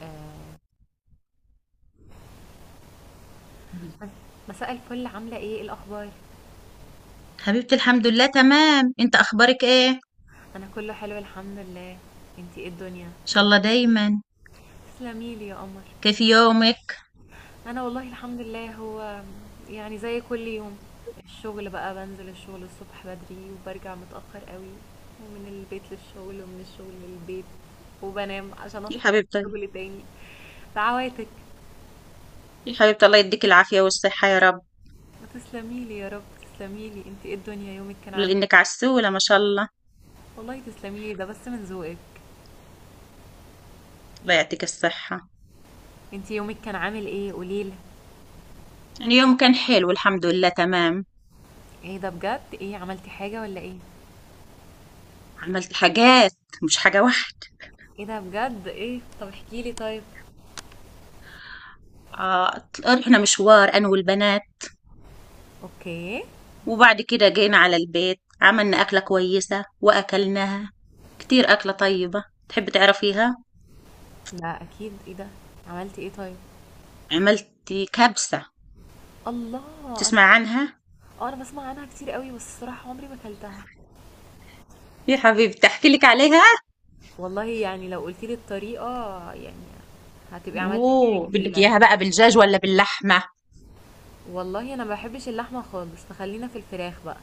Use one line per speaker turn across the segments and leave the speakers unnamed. آآ
مم.
مساء الفل عاملة إيه؟ إيه الأخبار؟
حبيبتي الحمد لله تمام، انت اخبارك ايه؟
أنا كله حلو الحمد لله، أنتِ إيه الدنيا؟
ان شاء الله دايما.
تسلمي لي يا قمر،
كيف يومك؟
أنا والله الحمد لله هو يعني زي كل يوم، الشغل بقى بانزل الشغل الصبح بدري وبارجع متأخر أوي، ومن البيت للشغل ومن الشغل للبيت، وبانام عشان
يا
أصحى أروح
حبيبتي
الشغل تاني، دعواتك،
يا حبيبتي الله يديك العافية والصحة يا رب.
تسلمي لي يا رب، تسلمي لي، أنتِ إيه الدنيا يومك كان عامل إيه؟
لأنك عسولة ما شاء الله.
والله تسلمي لي ده بس من ذوقك،
الله يعطيك الصحة.
أنتِ يومك كان عامل إيه؟ قولي لي.
يعني يوم كان حلو، الحمد لله تمام.
ايه ده بجد ايه عملتي حاجة ولا ايه؟
عملت حاجات، مش حاجة واحدة.
ايه ده بجد ايه طب احكي لي طيب.
آه، رحنا مشوار أنا والبنات،
اوكي.
وبعد كده جينا على البيت عملنا أكلة كويسة وأكلناها كتير. أكلة طيبة، تحب تعرفيها؟
لا اكيد ايه ده، عملتي ايه طيب؟
عملت كبسة،
الله انا
تسمع عنها؟
آه، انا بسمع عنها كتير قوي بس الصراحة عمري ما اكلتها.
يا حبيبتي احكي لك عليها.
والله يعني لو قلتي لي الطريقة يعني هتبقي عملتي حاجة
اوه، بدك
جميلة.
اياها بقى بالدجاج ولا باللحمه؟
والله انا ما بحبش اللحمة خالص فخلينا في الفراخ بقى.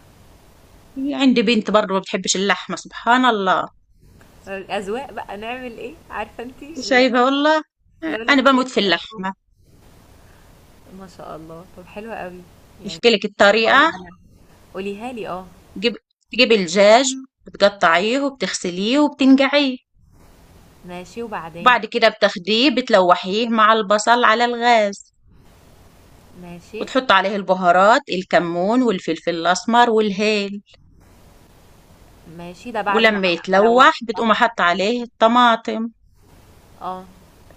هي عندي بنت برضه ما بتحبش اللحمه، سبحان الله.
الاذواق بقى نعمل ايه عارفة انتي اللي هو
شايفه والله؟
لولا
انا
اختلاف
بموت في
الأذواق.
اللحمه.
ما شاء الله طب حلوة قوي يعني.
احكي لك
هحاول
الطريقه.
انا، قوليها لي اه.
تجيب تجيب الدجاج، بتقطعيه وبتغسليه وبتنقعيه.
ماشي وبعدين.
وبعد كده بتاخديه بتلوحيه مع البصل على الغاز،
ماشي،
وتحط عليه البهارات، الكمون والفلفل الاسمر والهيل.
ماشي، ده بعد ما
ولما
ما
يتلوح
لوحت
بتقوم
صح؟
حط عليه الطماطم.
آه،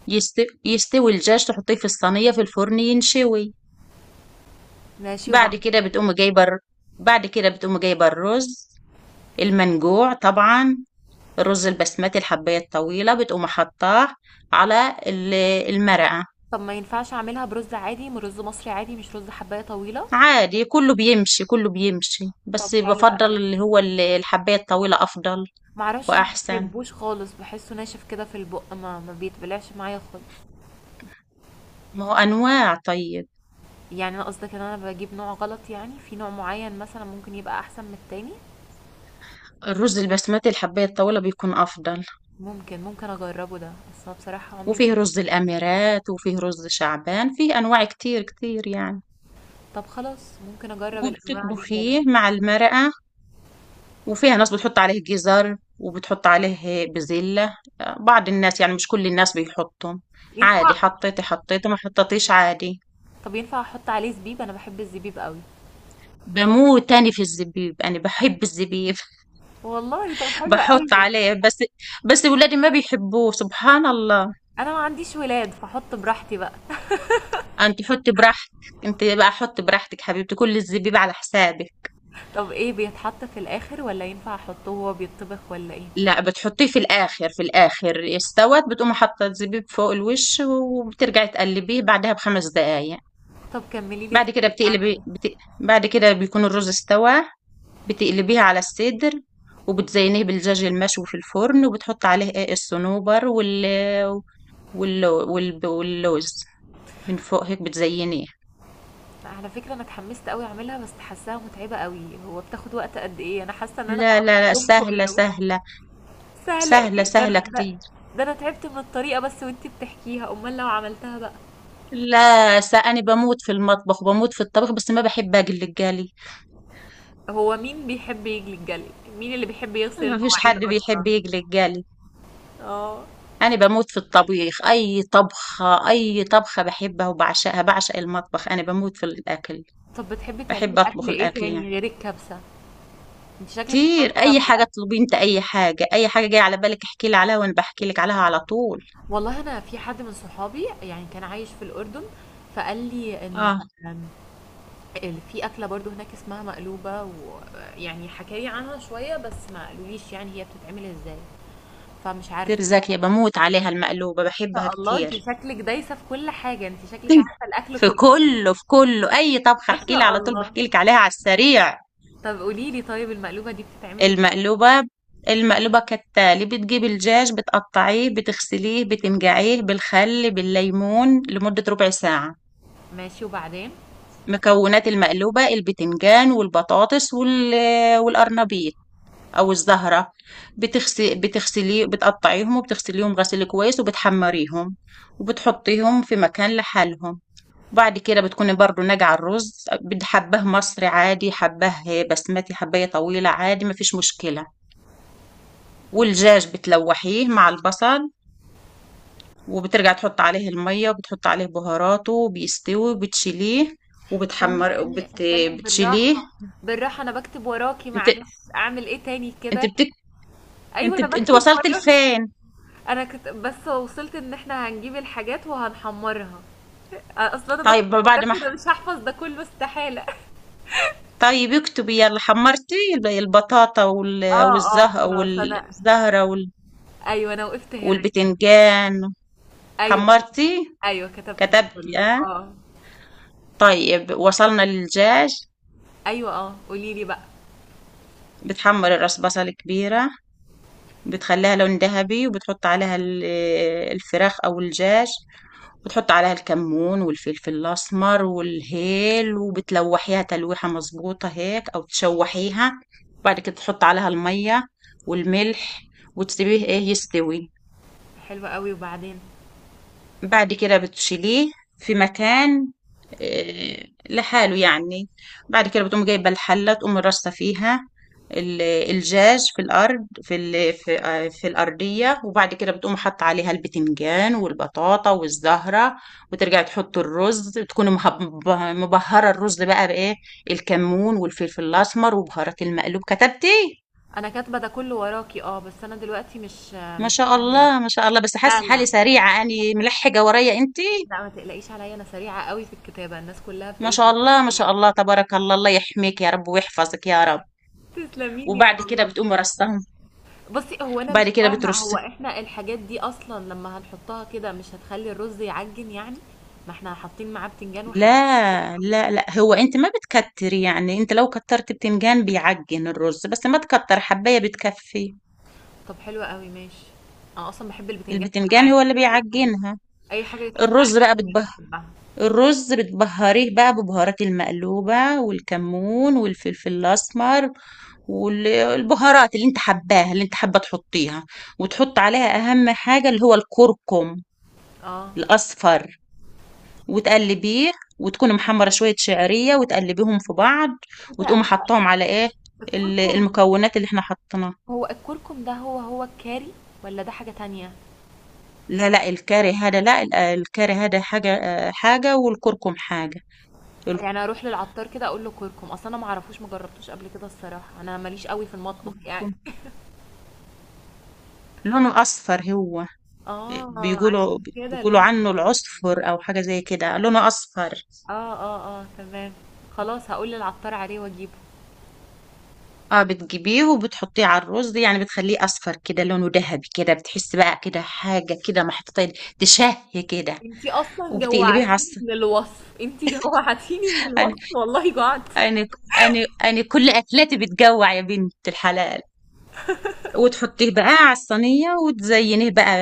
يستوي الدجاج، تحطيه في الصينية في الفرن ينشوي.
ماشي
بعد كده
وبعدين؟
بتقوم جايبة الر- بعد كده بتقوم جايبة الرز، المنجوع طبعا، الرز البسمتي الحباية الطويلة، بتقوم حطاه على المرقة.
طب ما ينفعش أعملها برُز عادي، م رُز مصري عادي مش رُز حبّاية طويلة؟
عادي كله بيمشي، كله بيمشي،
طب
بس
حلو
بفضل
أوي،
اللي هو الحباية الطويلة أفضل
ما أعرفش ما
وأحسن.
باحبوش خالص، باحسّه ناشف كده في البُق ما بيتبلعش معايا خالص،
ما هو أنواع، طيب،
يعني أنا قصدك إن أنا باجيب نوع غلط يعني، في نوع معيّن مثلًا ممكن يبقى أحسن من التاني؟
الرز البسمتي الحباية الطويلة بيكون أفضل.
ممكن، ممكن أجرّبه ده، بس هو بصراحة عمري ما.
وفيه رز الأميرات وفيه رز شعبان، فيه أنواع كتير كتير يعني.
طب خلاص ممكن أجرّب الأنواع دي كده،
وبتطبخيه مع المرقة، وفيها ناس بتحط عليه جزر وبتحط عليه بزلة. بعض الناس يعني، مش كل الناس بيحطهم. عادي،
ينفع؟
حطيتي حطيتي ما حطيتيش، عادي.
طب ينفع أحُط عليه زبيب؟ أنا باحب الزبيب أوي.
بموت تاني في الزبيب، انا بحب الزبيب.
والله! طب حلو
بحط
أوي.
عليه بس. بس ولادي ما بيحبوه، سبحان الله.
انا ما عنديش ولاد فاحط براحتي بقى.
انت حطي براحتك، انت بقى حطي براحتك حبيبتي، كل الزبيب على حسابك.
طب ايه بيتحط في الاخر ولا ينفع احطه وهو بيتطبخ ولا ايه؟
لا، بتحطيه في الاخر. في الاخر استوت بتقوم حاطه الزبيب فوق الوش، وبترجعي تقلبيه بعدها بخمس دقايق.
طب كملي لي
بعد كده
طيب اعمل
بتقلبي
ايه؟
بت... بعد كده بيكون الرز استوى. بتقلبيها على الصدر، وبتزينيه بالدجاج المشوي في الفرن وبتحط عليه، ايه، الصنوبر واللوز من فوق هيك بتزينيه.
على فكره انا اتحمست قوي اعملها بس حاساها متعبه قوي، هو بتاخد وقت قد ايه؟ انا حاسه ان انا
لا،
هقضي
لا، لا،
اليوم
سهلة
كله.
سهلة.
سهله
سهلة
ايه ده،
سهلة كتير.
ده انا تعبت من الطريقه بس وانتي بتحكيها، امال لو عملتها بقى.
لا، أنا بموت في المطبخ وبموت في الطبخ، بس ما بحب أقلي الجالي.
هو مين بيحب يجلي الجلي؟ مين اللي بيحب يغسل
ما فيش
المواعين
حد بيحب
اصلا؟
يقلي الجالي.
اه.
أنا بموت في الطبيخ، أي طبخة أي طبخة بحبها وبعشقها، بعشق المطبخ، أنا بموت في الأكل.
طب بتحبي تعملي
بحب
اكل
اطبخ
ايه
الاكل
تاني
يعني
غير الكبسه؟ انت شكلك
كتير. اي حاجه
شاطره.
اطلبي انت، اي حاجه اي حاجه جايه على بالك احكي لي عليها، وانا بحكي لك عليها على طول.
والله أنا في حد من صحابي يعني كان عايش في الأردن فقال لي إن
اه،
إن في أكلة برضو هناك اسمها مقلوبة ويعني حكى لي عنها شوية بس ما قالوليش يعني هي بتتعمل إزاي، فمش عارفة.
كتير زاكيه، بموت عليها المقلوبه،
إيه ده
بحبها
الله انت
كتير.
شكلك دايسة في كل حاجة، انت شكلك عارفة الأكل
في
كله.
كله، في كله، اي طبخه
ما
احكي لي
شاء
على طول
الله.
بحكي لك عليها على السريع.
طب قولي لي طيب المقلوبة دي بتتعمل إزاي؟
المقلوبه، المقلوبه كالتالي: بتجيبي الدجاج بتقطعيه بتغسليه بتنقعيه بالخل بالليمون لمده ربع ساعه.
ماشي وبعدين.
مكونات المقلوبه: البتنجان والبطاطس والقرنبيط، أو الزهرة. بتغسليه، بتقطعيهم وبتغسليهم غسيل كويس، وبتحمريهم، وبتحطيهم في مكان لحالهم. وبعد كده بتكوني برضو ناجعة الرز، بدي حباه مصري عادي، حباه بسمتي حباية طويلة، عادي مفيش مشكلة.
ماشي.
والدجاج بتلوحيه مع البصل، وبترجع تحط عليه المية وبتحط عليه بهاراته وبيستوي وبتشيليه،
استني
وبتحمر
استني استني
بتشيليه.
بالراحة، بالراحة. أنا بكتب وراكي
انت
معلش، أعمل إيه تاني
انت
كده؟
بتك...
أيوة
انت
أنا
بت... انت
بكتب
وصلت
وراكي.
لفين؟
انا كنت بس وصلت ان احنا هنجيب الحاجات وهنحمرها. اصلا انا بكتب
طيب بعد ما
مدرسة، انا مش هحفظ ده كله استحالة.
طيب اكتبي يلا، حمرتي البطاطا
اه اه خلاص انا.
والزهرة
ايوه انا وقفت هنا.
والبتنجان،
ايوه.
حمرتي،
ايوه كتبت ده
كتبتي
كله
اه.
اه.
طيب وصلنا للدجاج.
ايوه اه قولي لي بقى.
بتحمر الراس بصل كبيرة، بتخليها لون ذهبي، وبتحط عليها الفراخ او الدجاج. وتحط عليها الكمون والفلفل الاسمر والهيل، وبتلوحيها تلويحة مظبوطة هيك او تشوحيها. وبعد كده تحط عليها المية والملح، وتسيبيه، ايه، يستوي.
حلوة قوي وبعدين.
بعد كده بتشيليه في مكان، لحاله يعني. بعد كده بتقوم جايبة الحلة، تقوم رصة فيها الجاج في الأرض، في في الأرضية. وبعد كده بتقوم حاطة عليها البتنجان والبطاطا والزهرة. وترجع تحط الرز، تكون مبهرة الرز بقى بإيه، الكمون والفلفل الأسمر وبهارات المقلوب. كتبتي؟
انا كاتبه ده كله وراكي اه بس انا دلوقتي مش.
ما شاء الله، ما شاء الله، بس
لا
حاسة حالي
لا
سريعة يعني، ملحقة ورايا انت؟
لا ما تقلقيش عليا، انا سريعه قوي في الكتابه الناس كلها
ما شاء
بتقولي.
الله، ما شاء الله، تبارك الله، الله يحميك يا رب ويحفظك يا رب.
تسلمي لي
وبعد كده
والله.
بتقومي رصهم،
بصي هو انا مش
وبعد كده
فاهمه، هو
بترصي.
احنا الحاجات دي اصلا لما هنحطها كده مش هتخلي الرز يعجن يعني؟ ما احنا حاطين معاه بتنجان وحاجات.
لا، لا، لا، هو انت ما بتكتري يعني. انت لو كترت بتنجان بيعجن الرز، بس ما تكتر، حباية بتكفي.
طب حلو قوي ماشي. انا اصلا بحب البتنجان في
البتنجان
العادي،
هو اللي
اي حاجه.
بيعجنها.
اي حاجه يتحط عليها
الرز بقى
بتنجان
بتبه
بحبها.
الرز بتبهريه بقى ببهارات المقلوبة، والكمون والفلفل الأسمر، والبهارات اللي انت حباها، اللي انت حابة تحطيها. وتحط عليها أهم حاجة اللي هو الكركم
اه
الأصفر، وتقلبيه. وتكوني محمرة شوية شعرية وتقلبيهم في بعض.
ايه ده
وتقومي
هو
حطاهم على، ايه،
الكركم؟
المكونات اللي احنا حطيناها.
هو الكركم ده هو الكاري ولا ده حاجه تانية؟
لا، لا، الكاري هذا، لا، الكاري هذا حاجة، حاجة، والكركم حاجة.
يعني اروح للعطار كده اقول له كركم؟ اصلا انا ما اعرفوش ما جربتوش قبل كده الصراحه، انا ماليش قوي في المطبخ يعني.
الكركم لونه أصفر هو،
اه عشان
بيقولوا
كده
بيقولوا
لونه.
عنه العصفر أو حاجة زي كده، لونه أصفر.
اه اه اه تمام. خلاص هقول للعطار عليه واجيبه.
اه، بتجيبيه وبتحطيه على الرز يعني، بتخليه اصفر كده لونه ذهبي كده، بتحس بقى كده حاجه كده محطوطه، تشهي كده.
انتي اصلا
وبتقلبيه على
جوعتيني
الص-
من الوصف، انتي جوعتيني من
انا
الوصف والله جوعت.
انا انا كل اكلاتي بتجوع يا بنت الحلال. وتحطيه بقى على الصينيه وتزينيه بقى.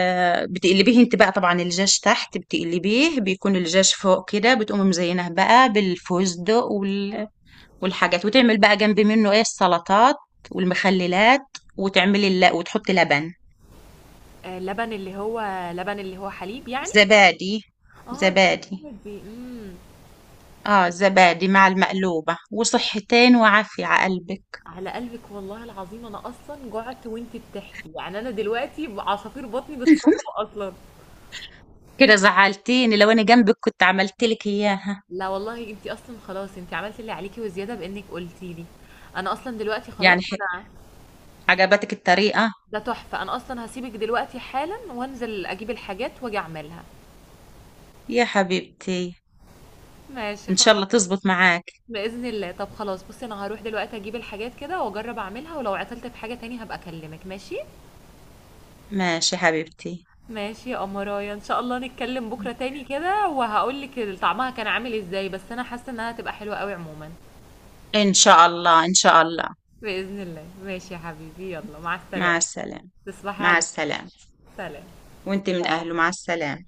بتقلبيه انت بقى طبعا الجاج تحت، بتقلبيه بيكون الجاج فوق كده، بتقومي مزينه بقى بالفستق والحاجات. وتعمل بقى جنب منه، ايه، السلطات والمخللات، وتعملي وتحطي لبن.
آه لبن اللي هو، لبن اللي هو حليب يعني؟
زبادي،
اه
زبادي،
الزهور دي
اه، زبادي مع المقلوبة، وصحتين وعافية على قلبك.
على قلبك والله العظيم، انا اصلا جوعت وانتي بتحكي، يعني انا دلوقتي عصافير بطني بتصفر اصلا.
كده زعلتيني، لو انا جنبك كنت عملت لك اياها.
لا والله انتي اصلا خلاص انتي عملتي اللي عليكي وزياده بانك قلتي لي. انا اصلا دلوقتي خلاص
يعني ح-
انا.
عجبتك الطريقة؟
ده تحفه، انا اصلا هسيبك دلوقتي حالا وانزل اجيب الحاجات واجي اعملها.
يا حبيبتي،
ماشي
ان شاء
خلاص.
الله تزبط معاك.
بإذن الله. طب خلاص بصي انا هروح دلوقتي اجيب الحاجات كده واجرب اعملها، ولو عطلت في حاجة تاني هبقى اكلمك ماشي.
ماشي حبيبتي،
ماشي يا أمرايا، ان شاء الله نتكلم بكرة تاني كده وهقولك طعمها كان عامل ازاي، بس انا حاسة انها هتبقى حلوة قوي عموما.
ان شاء الله، ان شاء الله.
بإذن الله ماشي يا حبيبي، يلا مع
مع
السلامة.
السلامة.
تصبحي
مع
على خير.
السلامة.
سلام
وانت من اهله، مع السلامة.